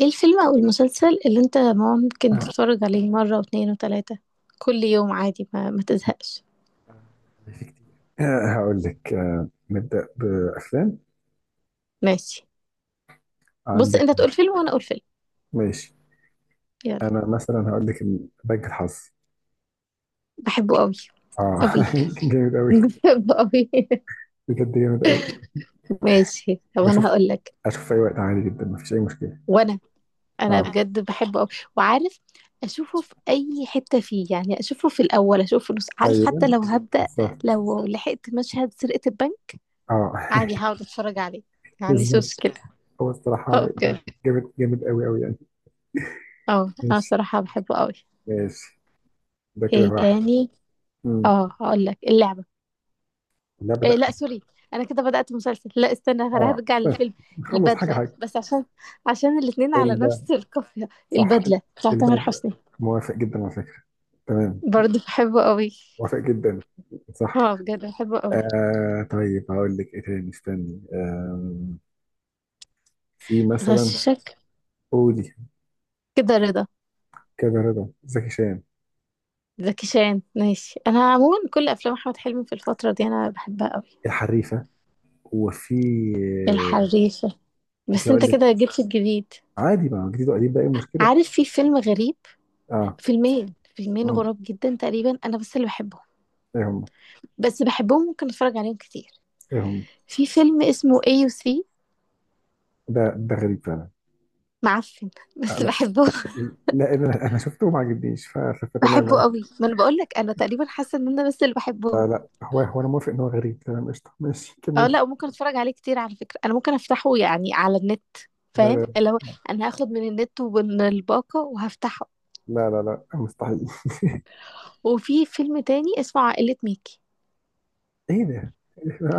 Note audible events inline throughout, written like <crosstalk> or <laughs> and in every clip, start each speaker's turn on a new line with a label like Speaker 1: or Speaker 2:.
Speaker 1: ايه الفيلم او المسلسل اللي انت ممكن
Speaker 2: آه،
Speaker 1: تتفرج عليه مرة واتنين وتلاتة كل يوم عادي، ما تزهقش.
Speaker 2: آه، والله في كتير. هقول لك، نبدأ بأفلام.
Speaker 1: ماشي. بص،
Speaker 2: عندك.
Speaker 1: انت تقول فيلم وانا اقول فيلم.
Speaker 2: ماشي.
Speaker 1: يلا.
Speaker 2: أنا مثلا هقول لك بنك الحظ.
Speaker 1: بحبه قوي
Speaker 2: آه،
Speaker 1: قوي.
Speaker 2: <laughs> جامد
Speaker 1: <laughs>
Speaker 2: أوي.
Speaker 1: بحبه قوي.
Speaker 2: بجد جامد أوي.
Speaker 1: ماشي، طب انا
Speaker 2: بشوف.
Speaker 1: هقول لك.
Speaker 2: أشوف في أي وقت، عادي جدا، مفيش أي مشكلة.
Speaker 1: وانا
Speaker 2: آه،
Speaker 1: انا
Speaker 2: انا بصراحة.
Speaker 1: بجد بحبه قوي وعارف. اشوفه في اي حتة فيه، يعني اشوفه في الاول، اشوفه في النص، عارف؟ حتى
Speaker 2: أيوه،
Speaker 1: لو هبدأ
Speaker 2: بالظبط.
Speaker 1: لو لحقت مشهد سرقة البنك،
Speaker 2: آه،
Speaker 1: عادي
Speaker 2: <laughs>
Speaker 1: هقعد اتفرج عليه، ما عنديش
Speaker 2: بالظبط.
Speaker 1: مشكلة.
Speaker 2: هو الصراحة
Speaker 1: اه بجد.
Speaker 2: جامد جامد أوي أوي يعني.
Speaker 1: اه انا
Speaker 2: ماشي،
Speaker 1: صراحة بحبه قوي.
Speaker 2: ماشي. ده كده
Speaker 1: ايه
Speaker 2: واحد.
Speaker 1: تاني؟
Speaker 2: مم.
Speaker 1: اه هقول لك اللعبة.
Speaker 2: لا،
Speaker 1: إيه،
Speaker 2: بدأ.
Speaker 1: لا سوري، انا كده بدأت مسلسل، لا استنى
Speaker 2: آه،
Speaker 1: هرجع
Speaker 2: استنى.
Speaker 1: للفيلم.
Speaker 2: نخلص حاجة
Speaker 1: البدلة،
Speaker 2: حاجة.
Speaker 1: بس عشان الاتنين على
Speaker 2: ال-
Speaker 1: نفس القافية.
Speaker 2: صح.
Speaker 1: البدلة بتاع
Speaker 2: اللي
Speaker 1: تامر
Speaker 2: بعد،
Speaker 1: حسني.
Speaker 2: موافق جدا على فكرة. تمام.
Speaker 1: برضه بحبه قوي.
Speaker 2: موافق جدا. صح.
Speaker 1: اه بجد بحبه قوي.
Speaker 2: آه، طيب هقول لك ايه تاني. استني، في مثلا.
Speaker 1: غششك
Speaker 2: قولي.
Speaker 1: كده. رضا
Speaker 2: كذا رضا زكي شان.
Speaker 1: زكي شان؟ ماشي. انا عموما كل افلام احمد حلمي في الفترة دي انا بحبها قوي.
Speaker 2: الحريفه. وفي، آه،
Speaker 1: الحريفة.
Speaker 2: وفي
Speaker 1: بس
Speaker 2: هقول
Speaker 1: انت
Speaker 2: لك.
Speaker 1: كده جبت الجديد.
Speaker 2: عادي، ما هو جديد وقديم، بقى ايه المشكله؟
Speaker 1: عارف في فيلم غريب،
Speaker 2: اه.
Speaker 1: فيلمين
Speaker 2: مم.
Speaker 1: غراب جدا تقريبا انا بس اللي بحبهم.
Speaker 2: ايه هم؟
Speaker 1: بس بحبهم، ممكن اتفرج عليهم كتير.
Speaker 2: ايه هم؟
Speaker 1: في فيلم اسمه AUC،
Speaker 2: ده غريب فعلا.
Speaker 1: معفن
Speaker 2: آه،
Speaker 1: بس
Speaker 2: لا.
Speaker 1: بحبه.
Speaker 2: لا، انا شفته وما عجبنيش
Speaker 1: <applause>
Speaker 2: فتمام
Speaker 1: بحبه
Speaker 2: انا.
Speaker 1: قوي. ما انا بقول لك انا تقريبا حاسه ان انا بس اللي بحبهم.
Speaker 2: لا، لا، هو انا موافق ان هو غريب، تمام، قشطه، ماشي
Speaker 1: اه
Speaker 2: كملي.
Speaker 1: لا، وممكن اتفرج عليه كتير على فكره. انا ممكن افتحه يعني على النت،
Speaker 2: لا،
Speaker 1: فاهم؟ اللي
Speaker 2: لا،
Speaker 1: هو انا هاخد من النت ومن الباقه وهفتحه.
Speaker 2: لا، لا، لا، مستحيل. <laughs>
Speaker 1: وفي فيلم تاني اسمه عائله ميكي.
Speaker 2: ايه ده؟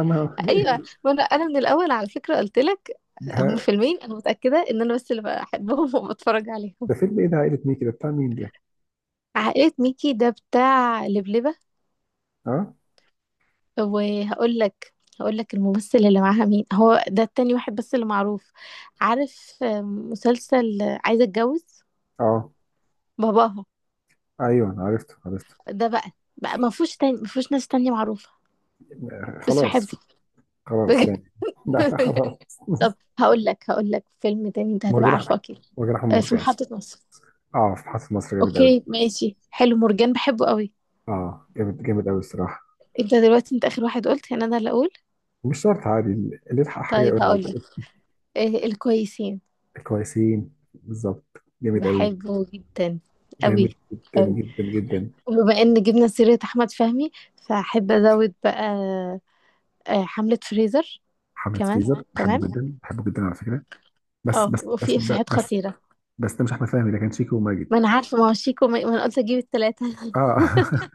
Speaker 2: ما-
Speaker 1: ايوه، ما انا من الاول على فكره قلت لك، هم
Speaker 2: ما-
Speaker 1: فيلمين انا متاكده ان انا بس اللي بحبهم وبتفرج عليهم.
Speaker 2: ده فيلم ايه؟ ده عائلة ميكي، ده بتاع مين ده؟
Speaker 1: عائله ميكي ده بتاع لبلبه.
Speaker 2: اه،
Speaker 1: طب وهقول لك، هقول لك الممثل اللي معاها مين هو ده، التاني واحد بس اللي معروف. عارف، مسلسل عايزة اتجوز
Speaker 2: اه،
Speaker 1: باباها؟
Speaker 2: ايوه أنا عرفته عرفته.
Speaker 1: ده بقى ما فيهوش تاني، ما فيهوش ناس تانية معروفة،
Speaker 2: آه،
Speaker 1: بس
Speaker 2: خلاص.
Speaker 1: بحبه.
Speaker 2: خلاص
Speaker 1: بجد.
Speaker 2: يعني. <laughs> لا، لا،
Speaker 1: <laughs>
Speaker 2: خلاص.
Speaker 1: طب
Speaker 2: <laughs>
Speaker 1: هقول لك فيلم تاني انت هتبقى
Speaker 2: مرجان
Speaker 1: عارفه
Speaker 2: أحمد-
Speaker 1: اكيد.
Speaker 2: مرجان احمد
Speaker 1: في
Speaker 2: مرجان.
Speaker 1: محطة مصر.
Speaker 2: اه، في حرس مصر، جامد قوي.
Speaker 1: اوكي ماشي، حلو، مرجان بحبه قوي.
Speaker 2: اه، جامد جامد قوي الصراحه.
Speaker 1: انت دلوقتي انت اخر واحد قلت، يعني انا اللي اقول.
Speaker 2: مش شرط، عادي اللي يلحق حاجه
Speaker 1: طيب
Speaker 2: يقول على
Speaker 1: هقول لك،
Speaker 2: طول.
Speaker 1: الكويسين.
Speaker 2: كويسين، بالظبط، جامد قوي.
Speaker 1: بحبه جدا. قوي
Speaker 2: جامد جدا
Speaker 1: قوي.
Speaker 2: جدا جدا.
Speaker 1: وبما ان جبنا سيرة احمد فهمي، فاحب ازود بقى، حملة فريزر.
Speaker 2: حملة
Speaker 1: كمان.
Speaker 2: فريزر بحبه
Speaker 1: تمام.
Speaker 2: جدا، بحبه جدا على فكره. بس،
Speaker 1: اه
Speaker 2: بس، بس،
Speaker 1: وفي
Speaker 2: بس،
Speaker 1: افيهات
Speaker 2: بس،
Speaker 1: خطيرة.
Speaker 2: بس ده مش احمد فهمي، ده كان شيكو وماجد.
Speaker 1: ما انا عارفة، ما هو شيكو، ما انا قلت اجيب التلاتة. <laughs>
Speaker 2: اه. <laughs>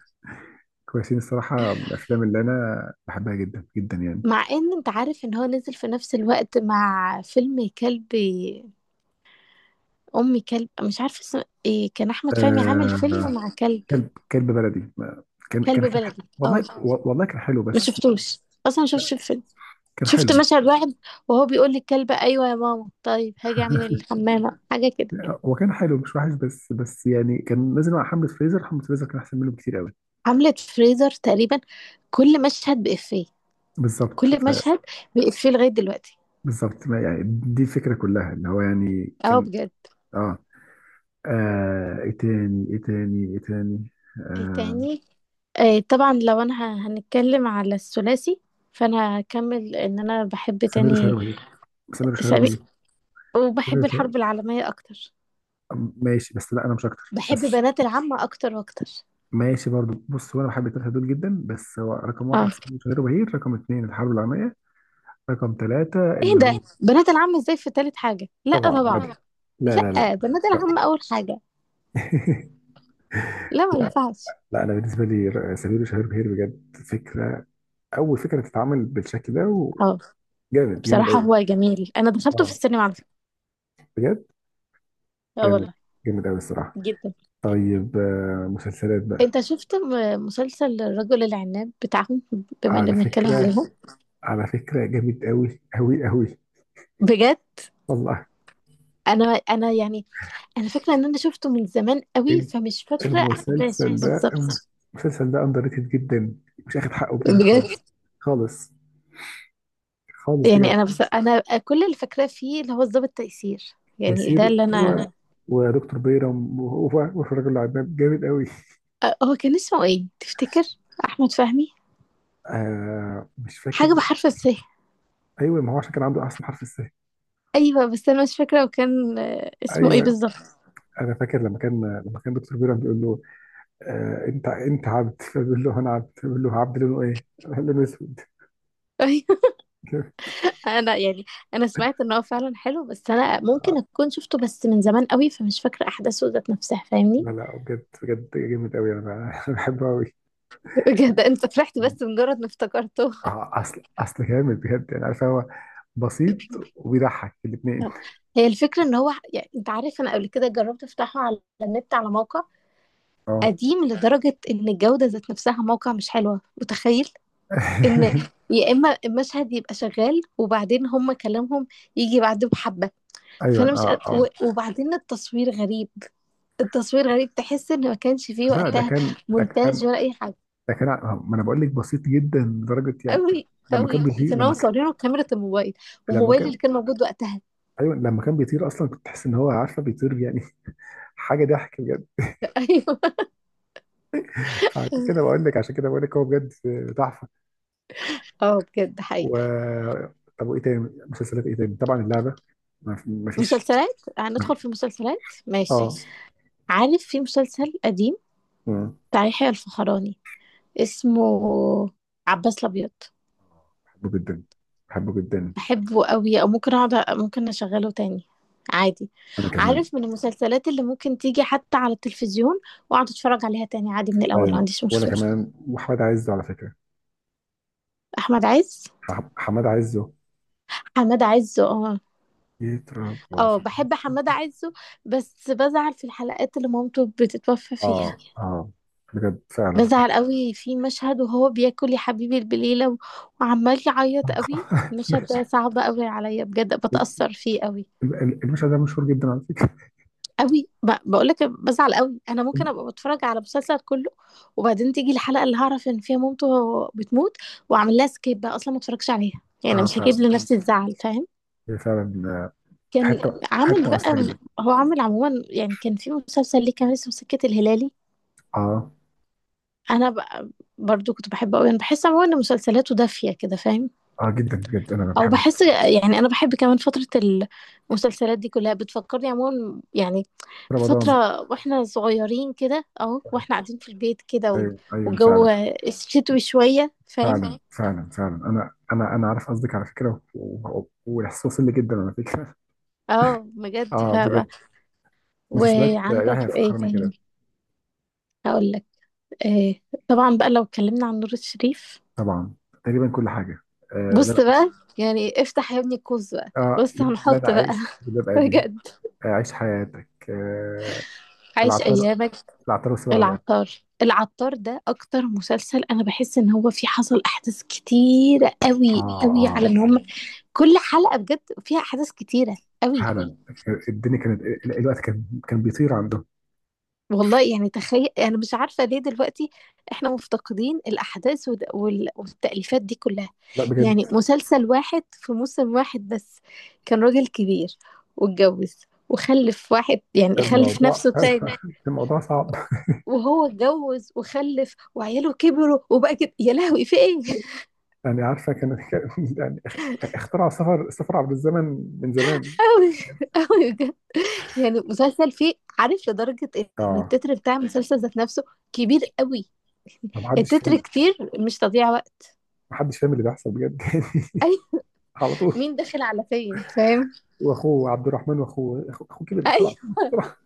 Speaker 2: كويسين الصراحة من الأفلام اللي أنا بحبها جدا جدا يعني.
Speaker 1: مع ان انت عارف ان هو نزل في نفس الوقت مع فيلم كلب، ام كلب، مش عارفة اسمه ايه، كان احمد فهمي عامل فيلم
Speaker 2: آه،
Speaker 1: مع كلب.
Speaker 2: كلب بلدي. كان كان
Speaker 1: كلب
Speaker 2: كان
Speaker 1: بلدي،
Speaker 2: والله.
Speaker 1: اه.
Speaker 2: والله كان حلو
Speaker 1: ما
Speaker 2: بس.
Speaker 1: شفتوش، اصلا ما شفتش الفيلم،
Speaker 2: كان حلو.
Speaker 1: شفت مشهد واحد، وهو بيقول للكلب ايوه يا ماما طيب هاجي اعمل الحمامة حاجة كده.
Speaker 2: هو كان حلو، مش وحش، بس بس يعني كان نازل مع حملة فريزر. حملة فريزر كان أحسن منه بكتير قوي.
Speaker 1: عملت فريزر تقريبا كل مشهد بإفيه،
Speaker 2: بالظبط
Speaker 1: كل
Speaker 2: ف.
Speaker 1: مشهد بإفيه لغاية دلوقتي.
Speaker 2: بالظبط، ما يعني دي الفكرة كلها، اللي هو يعني
Speaker 1: اه
Speaker 2: كان.
Speaker 1: بجد.
Speaker 2: آه إيه تاني؟ إيه تاني؟ إيه تاني؟
Speaker 1: ايه
Speaker 2: آه.
Speaker 1: تاني؟ آه طبعا لو انا هنتكلم على الثلاثي، فانا هكمل ان انا بحب
Speaker 2: سمير وشهير
Speaker 1: تاني
Speaker 2: وبهير. سمير وشهير
Speaker 1: سامي.
Speaker 2: وبهير. سمير
Speaker 1: وبحب الحرب
Speaker 2: وشهير-
Speaker 1: العالمية اكتر.
Speaker 2: ماشي، بس لا أنا مش أكتر
Speaker 1: بحب
Speaker 2: بس.
Speaker 1: بنات العم اكتر واكتر.
Speaker 2: ماشي برضو. بص، هو انا بحب الثلاثه دول جدا، بس هو رقم واحد
Speaker 1: اه،
Speaker 2: سمير غير بهير، رقم اثنين الحرب العالميه، رقم ثلاثه
Speaker 1: ايه
Speaker 2: اللي هو
Speaker 1: ده، بنات العم ازاي في تالت حاجة؟ لا
Speaker 2: طبعا عادل،
Speaker 1: طبعا.
Speaker 2: طبعا. لا، لا، لا.
Speaker 1: لا، بنات العم اول حاجة.
Speaker 2: <laughs>
Speaker 1: لا، ما
Speaker 2: لا،
Speaker 1: ينفعش.
Speaker 2: لا، انا بالنسبه لي سمير وشهير بهير بجد فكره. اول فكره تتعمل بالشكل ده،
Speaker 1: اه،
Speaker 2: وجامد جامد
Speaker 1: بصراحة
Speaker 2: قوي.
Speaker 1: هو جميل، انا دخلته في
Speaker 2: اه
Speaker 1: السينما على فكرة.
Speaker 2: بجد،
Speaker 1: اه
Speaker 2: جامد
Speaker 1: والله.
Speaker 2: جامد قوي الصراحه.
Speaker 1: جدا.
Speaker 2: طيب، مسلسلات بقى.
Speaker 1: انت شفت مسلسل الرجل العناب بتاعهم؟ بما ان
Speaker 2: على
Speaker 1: بنتكلم
Speaker 2: فكره،
Speaker 1: عليهم.
Speaker 2: على فكره جامد قوي قوي قوي.
Speaker 1: بجد.
Speaker 2: والله.
Speaker 1: انا انا يعني انا فاكره ان انا شفته من زمان قوي، فمش فاكره احداثه
Speaker 2: المسلسل ده
Speaker 1: بالظبط.
Speaker 2: المسلسل ده اندر ريتد جدا. مش اخد حقه بجد بجد خالص.
Speaker 1: بجد.
Speaker 2: بجد؟ خالص. خالص
Speaker 1: يعني
Speaker 2: بجد.
Speaker 1: انا بس انا كل اللي فاكراه فيه اللي هو الضابط تيسير، يعني ده
Speaker 2: تيسير،
Speaker 1: اللي
Speaker 2: هو
Speaker 1: انا.
Speaker 2: ودكتور بيرم وهو، وفي الراجل العناب جامد قوي.
Speaker 1: هو كان اسمه ايه تفتكر؟ احمد فهمي.
Speaker 2: آه، مش فاكر.
Speaker 1: حاجه بحرف السه.
Speaker 2: ايوه، ما هو عشان كان عنده احسن حرف السه.
Speaker 1: ايوه بس انا مش فاكره، وكان
Speaker 2: مظبوط،
Speaker 1: اسمه ايه
Speaker 2: ايوه.
Speaker 1: بالظبط؟
Speaker 2: انا فاكر لما كان دكتور بيرم بيقول له: آه، انت عبد، فبيقول له انا عبد، فبيقول له: عبد لونه ايه؟ <laughs> لونه اسود.
Speaker 1: <laughs> انا يعني انا سمعت ان هو فعلا حلو، بس انا ممكن اكون شفته بس من زمان قوي، فمش فاكره احداثه ذات نفسها، فاهمني؟
Speaker 2: لا، لا، بجد بجد جامد قوي، انا بحبه قوي.
Speaker 1: بجد انت فرحت بس مجرد ما افتكرته.
Speaker 2: اه، اصل جامد بجد يعني. عارف، هو بسيط، وبيضحك الاثنين.
Speaker 1: هي الفكره ان هو، يعني انت عارف، انا قبل كده جربت افتحه على النت على موقع
Speaker 2: اه.
Speaker 1: قديم لدرجه ان الجوده ذات نفسها موقع مش حلوه، متخيل؟ ان
Speaker 2: <laughs>
Speaker 1: يا اما المشهد يبقى شغال وبعدين هم كلامهم يجي بعده، بحبه.
Speaker 2: ايوه،
Speaker 1: فانا مش
Speaker 2: اه، اه.
Speaker 1: وبعدين التصوير غريب. التصوير غريب، تحس ان ما كانش فيه
Speaker 2: لا، ده
Speaker 1: وقتها
Speaker 2: كان ده كان
Speaker 1: مونتاج ولا اي حاجه.
Speaker 2: ده كان ما انا بقول لك بسيط جدا لدرجه يعني.
Speaker 1: قوي
Speaker 2: لما
Speaker 1: قوي،
Speaker 2: كان
Speaker 1: تحس
Speaker 2: بيطير،
Speaker 1: ان هم صورينه بكاميرا الموبايل،
Speaker 2: لما
Speaker 1: والموبايل اللي
Speaker 2: كان،
Speaker 1: كان موجود وقتها.
Speaker 2: ايوه، لما كان بيطير اصلا كنت تحس ان هو عارفه بيطير يعني. <laughs> حاجه ضحك بجد.
Speaker 1: <laughs> ايوه.
Speaker 2: عشان كده بقول لك هو بجد تحفه.
Speaker 1: اه بجد حقيقي.
Speaker 2: و، طب وايه تاني؟ مسلسلات ايه تاني؟ طبعا اللعبه. ما فيش.
Speaker 1: مسلسلات، هندخل في مسلسلات.
Speaker 2: اه.
Speaker 1: ماشي، عارف في مسلسل قديم
Speaker 2: مم.
Speaker 1: بتاع يحيى الفخراني، اسمه عباس الابيض؟
Speaker 2: بحبه جدا. بحبه جدا.
Speaker 1: بحبه قوي، او ممكن اقعد ممكن اشغله تاني عادي.
Speaker 2: انا كمان.
Speaker 1: عارف من المسلسلات اللي ممكن تيجي حتى على التلفزيون واقعد اتفرج عليها تاني عادي من الاول، ما
Speaker 2: ايوه،
Speaker 1: عنديش
Speaker 2: وانا
Speaker 1: مشكله.
Speaker 2: كمان. وحماد عزه على فكره.
Speaker 1: احمد عز.
Speaker 2: حماد عزه
Speaker 1: حماد عز، اه.
Speaker 2: يتربى
Speaker 1: اه
Speaker 2: في
Speaker 1: بحب
Speaker 2: عزه.
Speaker 1: حمادة عزه، بس بزعل في الحلقات اللي مامته بتتوفى
Speaker 2: اه،
Speaker 1: فيها.
Speaker 2: اه بجد، فعلا.
Speaker 1: بزعل قوي في مشهد وهو بياكل يا حبيبي البليلة وعمال يعيط قوي. المشهد ده صعب قوي عليا، بجد بتأثر فيه قوي.
Speaker 2: المشهد ده مشهور جدا على فكره.
Speaker 1: قوي، بقولك بزعل قوي. انا ممكن ابقى بتفرج على مسلسل كله وبعدين تيجي الحلقة اللي هعرف ان فيها مامته بتموت، واعمل لها سكيب بقى، اصلا ما اتفرجش عليها، يعني
Speaker 2: اه،
Speaker 1: مش
Speaker 2: فعلا.
Speaker 1: هجيب لنفسي الزعل، فاهم؟
Speaker 2: هي فعلا، آه،
Speaker 1: كان
Speaker 2: حته
Speaker 1: عامل
Speaker 2: حته
Speaker 1: بقى،
Speaker 2: مؤثره جدا.
Speaker 1: هو عامل عموما، يعني كان في مسلسل ليه كان اسمه سكة الهلالي.
Speaker 2: اه،
Speaker 1: انا ب... برضو كنت بحبه قوي. انا بحس عموما ان مسلسلاته دافيه كده، فاهم؟
Speaker 2: اه، جدا بجد. انا
Speaker 1: او
Speaker 2: بحب
Speaker 1: بحس، يعني انا بحب كمان فتره، المسلسلات دي كلها بتفكرني عموما، يعني بفتره
Speaker 2: رمضان.
Speaker 1: واحنا صغيرين كده اهو، واحنا قاعدين في البيت كده
Speaker 2: ايوه، ايوه،
Speaker 1: والجو
Speaker 2: فعلا
Speaker 1: شتوي شويه، فاهم؟
Speaker 2: فعلا فعلا فعلا، انا عارف قصدك على فكره، والاحساس وصل لي جدا على فكره.
Speaker 1: اه
Speaker 2: <laughs>
Speaker 1: بجد
Speaker 2: اه
Speaker 1: فاهمة.
Speaker 2: بجد. مسلسلات، يحيى
Speaker 1: وعندك ايه
Speaker 2: فخراني
Speaker 1: كمان؟
Speaker 2: كده.
Speaker 1: هقول لك. إيه. طبعا بقى لو اتكلمنا عن نور الشريف.
Speaker 2: طبعا، تقريبا كل حاجه. آه، لا،
Speaker 1: بص
Speaker 2: لا.
Speaker 1: بقى، يعني افتح يا ابني القوس بقى،
Speaker 2: اه،
Speaker 1: بص
Speaker 2: لا، انا
Speaker 1: هنحط بقى.
Speaker 2: عايش
Speaker 1: <laughs>
Speaker 2: ببقى بيه.
Speaker 1: بجد.
Speaker 2: عيش حياتك، عايش
Speaker 1: عايش
Speaker 2: العطار، عايش.
Speaker 1: ايامك.
Speaker 2: العطار والسبع بنات.
Speaker 1: العطار العطار ده اكتر مسلسل انا بحس ان هو فيه حصل احداث كتيره
Speaker 2: قوي،
Speaker 1: قوي
Speaker 2: اه،
Speaker 1: قوي،
Speaker 2: قوي، اه، قوي.
Speaker 1: على ان هم كل حلقه بجد فيها احداث كتيره قوي.
Speaker 2: فعلا، أمين. الدنيا كانت، الوقت كان بيطير عندهم.
Speaker 1: والله يعني تخيل، انا مش عارفه ليه دلوقتي احنا مفتقدين الاحداث والتأليفات دي كلها.
Speaker 2: لا
Speaker 1: يعني
Speaker 2: بجد.
Speaker 1: مسلسل واحد في موسم واحد بس، كان راجل كبير واتجوز وخلف واحد، يعني
Speaker 2: يعني
Speaker 1: خلف
Speaker 2: الموضوع،
Speaker 1: نفسه
Speaker 2: <laughs> <laughs> ذكريات.
Speaker 1: تاني،
Speaker 2: الموضوع صعب.
Speaker 1: وهو اتجوز وخلف وعياله كبروا وبقى كده يا لهوي في ايه.
Speaker 2: يعني، عارفه كان، يعني اختراع السفر عبر الزمن، من زمان.
Speaker 1: أوي. <laughs> أوي بجد. يعني مسلسل فيه، عارف، لدرجة إن
Speaker 2: اه.
Speaker 1: التتر بتاع المسلسل ذات نفسه كبير أوي.
Speaker 2: ما حدش
Speaker 1: التتر
Speaker 2: فاهم.
Speaker 1: كتير، مش تضييع وقت.
Speaker 2: ما حدش فاهم اللي بيحصل بجد.
Speaker 1: <laughs> أي.
Speaker 2: <laughs> على طول.
Speaker 1: مين داخل على فين، فاهم؟
Speaker 2: واخوه عبد الرحمن، واخوه اخوه أخوه كبر
Speaker 1: <laughs> أي،
Speaker 2: بسرعه بسرعه.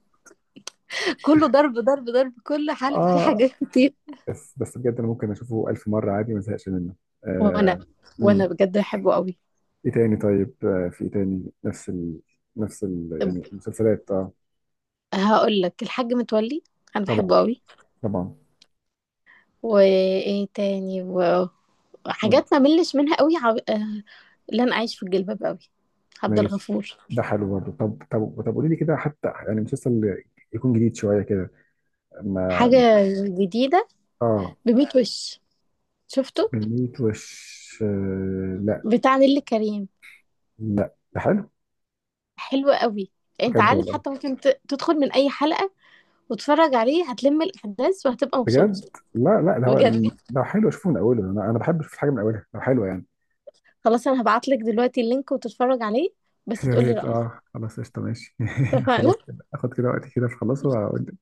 Speaker 1: كله ضرب ضرب ضرب، كل حلقة في
Speaker 2: اه.
Speaker 1: حاجات كتير.
Speaker 2: بس بس بجد، انا ممكن اشوفه الف مره عادي، ما ازهقش منه.
Speaker 1: وأنا
Speaker 2: آه.
Speaker 1: وأنا
Speaker 2: امم
Speaker 1: بجد بحبه أوي.
Speaker 2: ايه تاني؟ طيب، في ايه تاني نفس ال... نفس يعني المسلسلات. اه،
Speaker 1: هقول لك الحاج متولي، أنا
Speaker 2: طبعا،
Speaker 1: بحبه أوي.
Speaker 2: طبعا.
Speaker 1: وإيه تاني
Speaker 2: مم.
Speaker 1: وحاجات ما ملش منها أوي. عب... آه، لن أعيش في الجلباب أوي. عبد
Speaker 2: ماشي.
Speaker 1: الغفور.
Speaker 2: ده حلو برضه. طب، طب، طب، قولي لي كده حتى يعني مسلسل يكون جديد شويه كده. ما
Speaker 1: حاجة جديدة.
Speaker 2: اه،
Speaker 1: بميت وش شفته،
Speaker 2: بنيت وش؟ آه، لا.
Speaker 1: بتاع نيللي كريم.
Speaker 2: لا، ده حلو.
Speaker 1: حلو قوي، انت
Speaker 2: بجد
Speaker 1: عارف
Speaker 2: والله؟
Speaker 1: حتى ممكن تدخل من اي حلقة وتتفرج عليه هتلم الاحداث وهتبقى مبسوط.
Speaker 2: بجد. لا، لا، ده هو،
Speaker 1: بجد،
Speaker 2: لو حلو اشوفه من اوله. انا بحب اشوف الحاجه من اولها لو حلوه يعني.
Speaker 1: خلاص انا هبعتلك دلوقتي اللينك وتتفرج عليه، بس
Speaker 2: يا
Speaker 1: تقولي
Speaker 2: ريت.
Speaker 1: رأيك.
Speaker 2: اه، خلاص، قشطة، ماشي. <laughs> خلاص
Speaker 1: اتفقنا.
Speaker 2: كده، اخد كده وقتي كده في، خلاص واقول لك.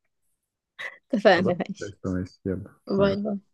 Speaker 2: خلاص،
Speaker 1: اتفقنا، ماشي.
Speaker 2: قشطة، ماشي، يلا.
Speaker 1: باي
Speaker 2: باي.
Speaker 1: باي.